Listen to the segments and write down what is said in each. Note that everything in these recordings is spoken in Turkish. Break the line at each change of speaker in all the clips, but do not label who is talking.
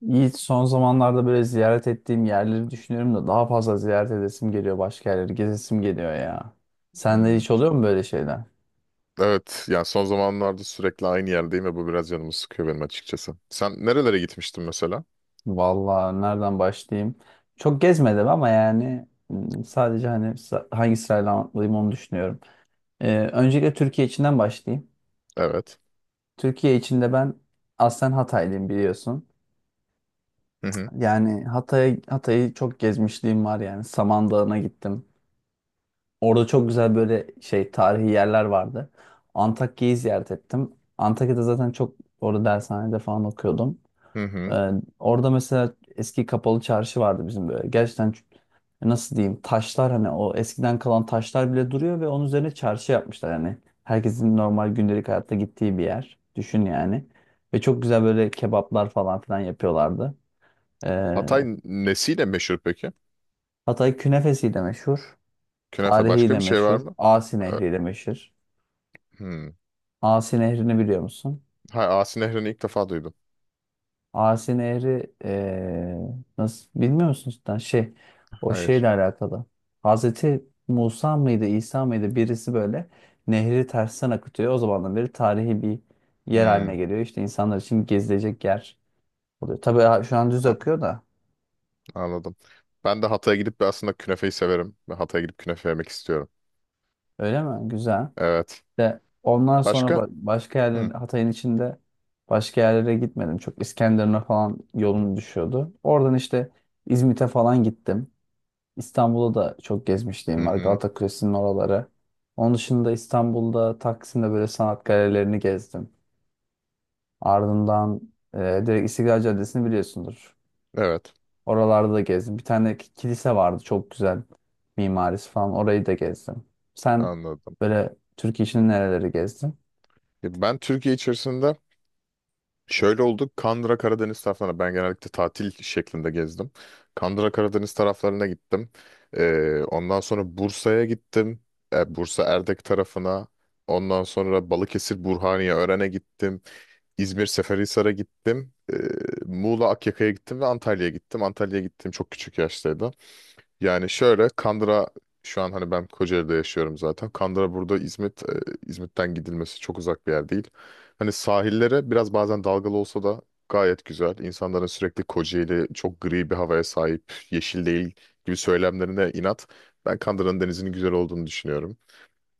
Yiğit son zamanlarda böyle ziyaret ettiğim yerleri düşünüyorum da daha fazla ziyaret edesim geliyor başka yerleri gezesim geliyor ya. Sende
Hmm.
hiç oluyor mu böyle şeyler?
Evet, yani son zamanlarda sürekli aynı yerdeyim ve bu biraz canımı sıkıyor benim açıkçası. Sen nerelere gitmiştin mesela?
Vallahi nereden başlayayım? Çok gezmedim ama yani sadece hani hangi sırayla anlatayım onu düşünüyorum. Öncelikle Türkiye içinden başlayayım.
Evet.
Türkiye içinde ben aslen Hataylıyım biliyorsun.
Hı hı.
Yani Hatay'ı çok gezmişliğim var yani. Samandağ'ına gittim. Orada çok güzel böyle şey tarihi yerler vardı. Antakya'yı ziyaret ettim. Antakya'da zaten çok orada dershanede falan okuyordum.
Hı hı.
Ee, Orada mesela eski kapalı çarşı vardı bizim böyle. Gerçekten nasıl diyeyim taşlar hani o eskiden kalan taşlar bile duruyor ve onun üzerine çarşı yapmışlar yani. Herkesin normal gündelik hayatta gittiği bir yer. Düşün yani. Ve çok güzel böyle kebaplar falan filan yapıyorlardı. Ee,
Hatay nesiyle meşhur peki?
Hatay künefesi de meşhur.
Künefe
Tarihi
başka
de
bir şey var
meşhur.
mı?
Asi
Ee,
nehri de meşhur.
Hmm.
Asi Nehri'ni biliyor musun?
Hayır, Asi Nehri'ni ilk defa duydum.
Asi Nehri nasıl bilmiyor musun cidden? Şey o
Hayır.
şeyle alakalı. Hazreti Musa mıydı İsa mıydı birisi böyle nehri tersten akıtıyor. O zamandan beri tarihi bir yer haline
Hmm.
geliyor. İşte insanlar için gezilecek yer oluyor. Tabii şu an düz
a-
akıyor da
Anladım. Ben de Hatay'a gidip bir aslında künefeyi severim. Ve Hatay'a gidip künefe yemek istiyorum.
öyle mi? Güzel.
Evet.
De ondan sonra
Başka?
başka yerler
Hı
Hatay'ın içinde başka yerlere gitmedim. Çok İskenderun'a falan yolum düşüyordu. Oradan işte İzmit'e falan gittim. İstanbul'da da çok
hı.
gezmişliğim var.
Hı.
Galata Kulesi'nin oraları. Onun dışında İstanbul'da Taksim'de böyle sanat galerilerini gezdim. Ardından direkt İstiklal Caddesi'ni biliyorsundur.
Evet.
Oralarda da gezdim. Bir tane kilise vardı çok güzel mimarisi falan. Orayı da gezdim. Sen
Anladım.
böyle Türkiye içinde nereleri gezdin?
Ya, ben Türkiye içerisinde şöyle oldu. Kandıra Karadeniz taraflarına ben genellikle tatil şeklinde gezdim. Kandıra Karadeniz taraflarına gittim. Ondan sonra Bursa'ya gittim. Bursa Erdek tarafına. Ondan sonra Balıkesir Burhaniye Ören'e gittim. İzmir Seferihisar'a gittim. Muğla Akyaka'ya gittim ve Antalya'ya gittim. Antalya'ya gittim çok küçük yaştaydı. Yani şöyle Kandıra, şu an hani ben Kocaeli'de yaşıyorum zaten. Kandıra burada İzmit, İzmit'ten gidilmesi çok uzak bir yer değil. Hani sahillere biraz bazen dalgalı olsa da gayet güzel. İnsanların sürekli Kocaeli çok gri bir havaya sahip, yeşil değil gibi söylemlerine inat. Ben Kandıra'nın denizinin güzel olduğunu düşünüyorum.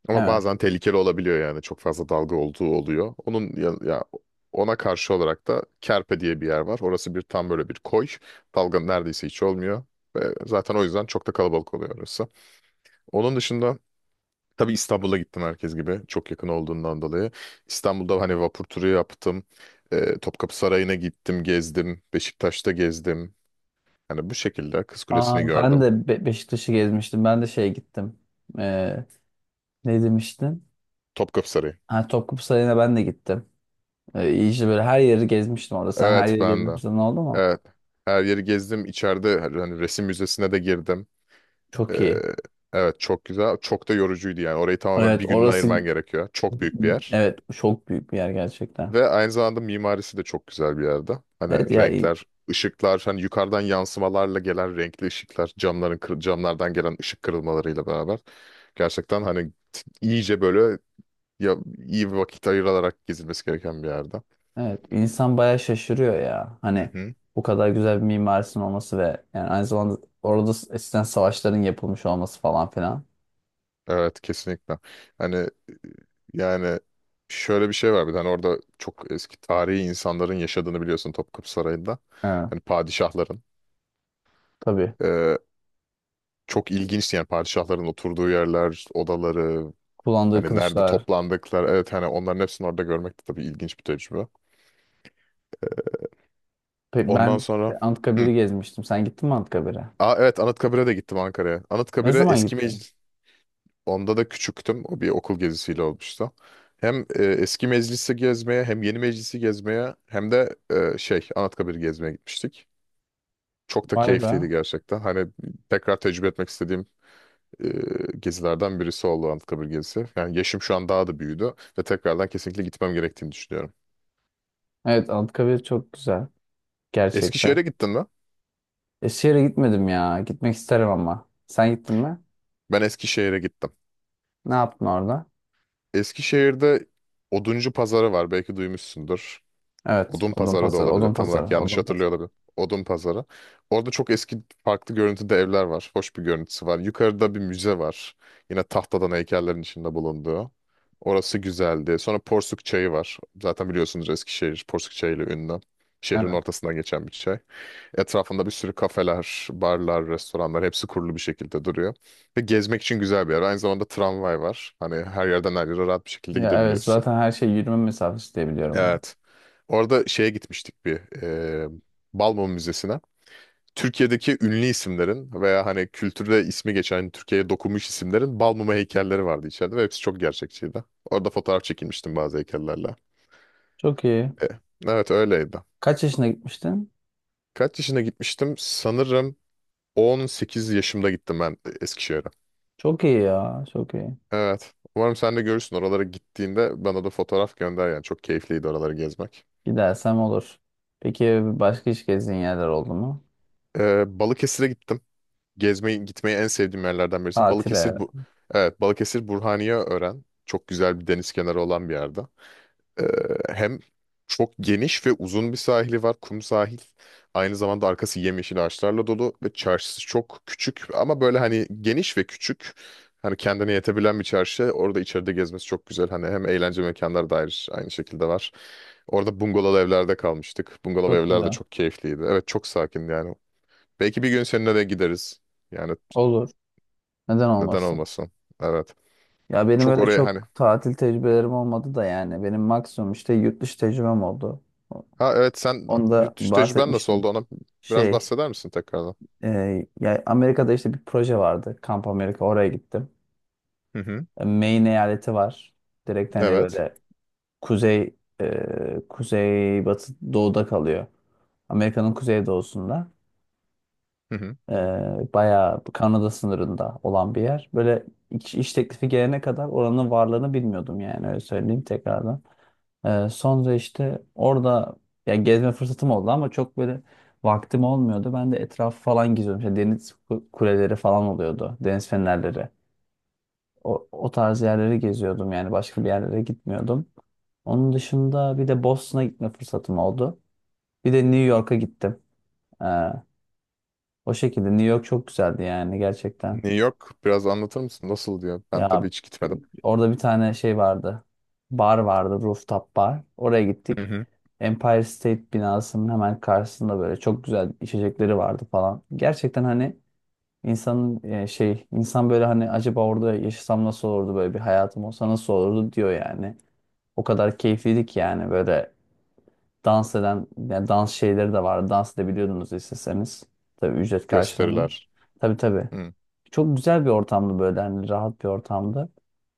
Ama
Evet.
bazen tehlikeli olabiliyor yani. Çok fazla dalga olduğu oluyor. Onun ya, ona karşı olarak da Kerpe diye bir yer var. Orası bir tam böyle bir koy. Dalga neredeyse hiç olmuyor. Ve zaten o yüzden çok da kalabalık oluyor orası. Onun dışında tabii İstanbul'a gittim herkes gibi. Çok yakın olduğundan dolayı. İstanbul'da hani vapur turu yaptım. Topkapı Sarayı'na gittim, gezdim. Beşiktaş'ta gezdim. Yani bu şekilde Kız Kulesi'ni
Aa, ben
gördüm.
de Beşiktaş'ı gezmiştim. Ben de şeye gittim. Ee, Ne demiştin?
Topkapı Sarayı.
Ha, Topkapı Sarayı'na ben de gittim. İyi işte böyle her yeri gezmiştim orada. Sen her
Evet
yeri
ben de.
gezmişsin oldu mu?
Evet. Her yeri gezdim. İçeride hani resim müzesine de girdim. Ee,
Çok iyi.
evet çok güzel. Çok da yorucuydu yani. Orayı tamamen
Evet
bir gününe
orası
ayırman gerekiyor. Çok büyük bir yer.
evet çok büyük bir yer gerçekten.
Ve aynı zamanda mimarisi de çok güzel bir yerde.
Evet
Hani
ya i-
renkler, ışıklar, hani yukarıdan yansımalarla gelen renkli ışıklar, camların camlardan gelen ışık kırılmalarıyla beraber gerçekten hani iyice böyle ya iyi bir vakit ayırarak gezilmesi gereken bir yerde.
evet insan bayağı şaşırıyor ya.
Hı
Hani
hı.
bu kadar güzel bir mimarisinin olması ve yani aynı zamanda orada eskiden savaşların yapılmış olması falan filan.
Evet kesinlikle. Hani yani şöyle bir şey var, bir tane orada çok eski tarihi insanların yaşadığını biliyorsun Topkapı Sarayı'nda.
Evet
Hani padişahların.
tabii.
Ee, Çok ilginç yani padişahların oturduğu yerler, odaları,
Kullandığı
hani nerede
kılıçlar.
toplandıkları. Evet hani onların hepsini orada görmek de tabii ilginç bir tecrübe. Ondan
Ben
sonra.
işte
Hı.
Anıtkabir'i gezmiştim. Sen gittin mi Anıtkabir'e?
Aa, evet Anıtkabir'e de gittim Ankara'ya.
Ne
Anıtkabir'e
zaman
eski
gittin?
meclis. Onda da küçüktüm. O bir okul gezisiyle olmuştu. Hem eski meclisi gezmeye hem yeni meclisi gezmeye hem de şey Anıtkabir'i gezmeye gitmiştik. Çok da
Vay be.
keyifliydi gerçekten. Hani tekrar tecrübe etmek istediğim gezilerden birisi oldu Anıtkabir gezisi. Yani yaşım şu an daha da büyüdü ve tekrardan kesinlikle gitmem gerektiğini düşünüyorum.
Evet Anıtkabir çok güzel. Gerçekten.
Eskişehir'e gittin mi?
Eskişehir'e gitmedim ya. Gitmek isterim ama. Sen gittin mi?
Ben Eskişehir'e gittim.
Ne yaptın orada?
Eskişehir'de Oduncu Pazarı var. Belki duymuşsundur.
Evet.
Odun pazarı da
Odunpazarı.
olabilir. Tam olarak
Odunpazarı.
yanlış
Odunpazarı.
hatırlıyor olabilir. Odun pazarı. Orada çok eski farklı görüntüde evler var. Hoş bir görüntüsü var. Yukarıda bir müze var. Yine tahtadan heykellerin içinde bulunduğu. Orası güzeldi. Sonra Porsuk Çayı var. Zaten biliyorsunuz Eskişehir Porsuk Çayı ile ünlü. Şehrin
Evet.
ortasından geçen bir çay. Etrafında bir sürü kafeler, barlar, restoranlar hepsi kurulu bir şekilde duruyor. Ve gezmek için güzel bir yer. Aynı zamanda tramvay var. Hani her yerden her yere rahat bir şekilde
Ya evet
gidebiliyorsun.
zaten her şey yürüme mesafesi diye biliyorum onu.
Evet. Orada şeye gitmiştik, bir Balmum Müzesi'ne. Türkiye'deki ünlü isimlerin veya hani kültürde ismi geçen hani Türkiye'ye dokunmuş isimlerin Balmum'a heykelleri vardı içeride ve hepsi çok gerçekçiydi. Orada fotoğraf çekilmiştim bazı heykellerle.
Çok iyi.
E, evet öyleydi.
Kaç yaşına gitmiştin?
Kaç yaşına gitmiştim? Sanırım 18 yaşımda gittim ben Eskişehir'e.
Çok iyi ya. Çok iyi.
Evet. Umarım sen de görürsün. Oralara gittiğinde bana da fotoğraf gönder yani. Çok keyifliydi oraları gezmek.
Gidersem olur. Peki başka hiç gezdiğin yerler oldu mu?
Balıkesir'e gittim. Gezmeyi gitmeyi en sevdiğim yerlerden birisi. Balıkesir
Tatile.
bu evet Balıkesir Burhaniyeören çok güzel bir deniz kenarı olan bir yerde. Ee, Hem çok geniş ve uzun bir sahili var, kum sahil. Aynı zamanda arkası yemyeşil ağaçlarla dolu ve çarşısı çok küçük ama böyle hani geniş ve küçük. Hani kendine yetebilen bir çarşı. Orada içeride gezmesi çok güzel. Hani hem eğlence mekanları dair aynı şekilde var. Orada bungalov evlerde kalmıştık. Bungalov
Çok
evler de
güzel.
çok keyifliydi. Evet çok sakin yani. Belki bir gün seninle de gideriz. Yani
Olur. Neden
neden
olmasın?
olmasın? Evet.
Ya benim
Çok
öyle
oraya hani.
çok tatil tecrübelerim olmadı da yani. Benim maksimum işte yurt dışı tecrübem oldu.
Ha evet sen
Onu da
yurt dışı tecrüben nasıl oldu
bahsetmiştim.
ona biraz
Şey,
bahseder misin tekrardan?
Ya Amerika'da işte bir proje vardı. Kamp Amerika oraya gittim.
Hı hı.
E, Maine eyaleti var. Direkt hani
Evet.
böyle kuzey kuzey batı doğuda kalıyor. Amerika'nın kuzey doğusunda.
Hı hı.
E, Bayağı Kanada sınırında olan bir yer. Böyle iş teklifi gelene kadar oranın varlığını bilmiyordum yani öyle söyleyeyim tekrardan. Sonra işte orada ya gezme fırsatım oldu ama çok böyle vaktim olmuyordu. Ben de etrafı falan geziyordum. İşte deniz kuleleri falan oluyordu. Deniz fenerleri. O tarz yerleri geziyordum yani başka bir yerlere gitmiyordum. Onun dışında bir de Boston'a gitme fırsatım oldu. Bir de New York'a gittim. Ee, O şekilde New York çok güzeldi yani gerçekten.
New York biraz anlatır mısın? Nasıl diyor? Ben
Ya
tabii hiç gitmedim.
orada bir tane şey vardı. Bar vardı, rooftop bar. Oraya
Hı
gittik.
hı.
Empire State binasının hemen karşısında böyle çok güzel içecekleri vardı falan. Gerçekten hani insanın şey insan böyle hani acaba orada yaşasam nasıl olurdu böyle bir hayatım olsa nasıl olurdu diyor yani. O kadar keyifliydi ki yani böyle dans eden yani dans şeyleri de vardı. Dans edebiliyordunuz isteseniz. Tabii ücret karşılığında.
Gösteriler.
Tabii tabii.
Hı
Çok güzel bir ortamdı böyle hani rahat bir ortamdı.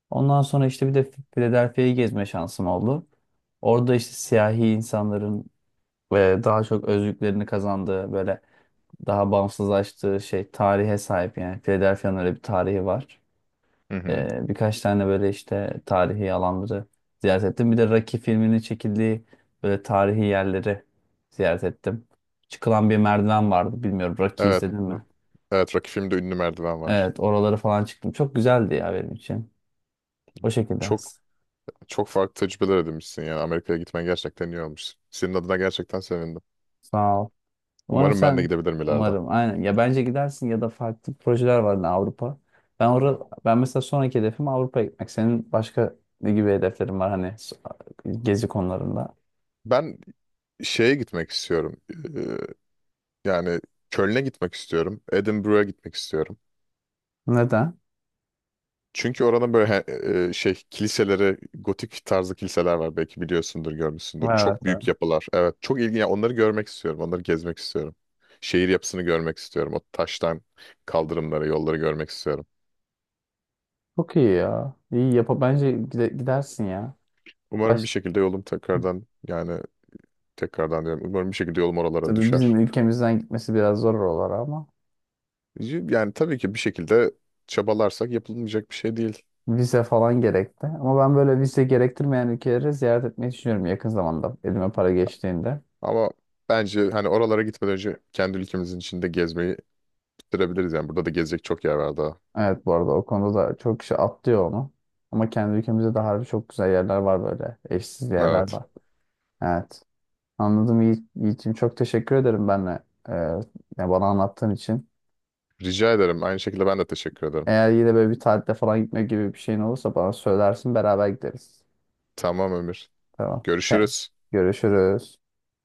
Ondan sonra işte bir de Philadelphia'yı gezme şansım oldu. Orada işte siyahi insanların ve daha çok özgürlüklerini kazandığı böyle daha bağımsızlaştığı şey tarihe sahip yani Philadelphia'nın öyle bir tarihi var.
hı. Hı.
Birkaç tane böyle işte tarihi alanları ziyaret ettim. Bir de Rocky filminin çekildiği böyle tarihi yerleri ziyaret ettim. Çıkılan bir merdiven vardı. Bilmiyorum Rocky
Evet.
izledin mi?
Evet Rocky filmde ünlü merdiven var.
Evet oraları falan çıktım. Çok güzeldi ya benim için. O şekilde.
Çok çok farklı tecrübeler edinmişsin yani. Amerika'ya gitmen gerçekten iyi olmuş. Senin adına gerçekten sevindim.
Sağ ol. Umarım
Umarım ben de
sen
gidebilirim ileride.
umarım aynen ya bence gidersin ya da farklı projeler var da Avrupa. Ben orada ben mesela sonraki hedefim Avrupa'ya gitmek. Senin başka ne gibi hedeflerin var hani gezi konularında?
Ben şeye gitmek istiyorum. Ee, Yani Köln'e gitmek istiyorum. Edinburgh'a gitmek istiyorum.
Neden?
Çünkü oranın böyle şey kiliseleri, gotik tarzı kiliseler var. Belki biliyorsundur, görmüşsündür.
Evet,
Çok
evet.
büyük yapılar. Evet, çok ilginç. Yani onları görmek istiyorum. Onları gezmek istiyorum. Şehir yapısını görmek istiyorum. O taştan kaldırımları, yolları görmek istiyorum.
Çok iyi ya. İyi yap bence gidersin ya.
Umarım bir
Baş
şekilde yolum tekrardan yani tekrardan diyorum. Umarım bir şekilde yolum oralara
tabii bizim
düşer.
ülkemizden gitmesi biraz zor olur ama
Yani tabii ki bir şekilde çabalarsak yapılmayacak bir şey değil.
vize falan gerekti. Ama ben böyle vize gerektirmeyen ülkeleri ziyaret etmeyi düşünüyorum yakın zamanda elime para geçtiğinde.
Ama bence hani oralara gitmeden önce kendi ülkemizin içinde gezmeyi bitirebiliriz. Yani burada da gezecek çok yer var daha.
Evet bu arada o konuda da çok kişi atlıyor onu. Ama kendi ülkemizde de harbi çok güzel yerler var böyle. Eşsiz yerler
Evet.
var. Evet. Anladım Yiğit'ciğim. Çok teşekkür ederim benle. Ee, Yani bana anlattığın için.
Rica ederim. Aynı şekilde ben de teşekkür ederim.
Eğer yine böyle bir tatile falan gitme gibi bir şeyin olursa bana söylersin beraber gideriz.
Tamam Ömür.
Tamam. Tamam.
Görüşürüz.
Görüşürüz.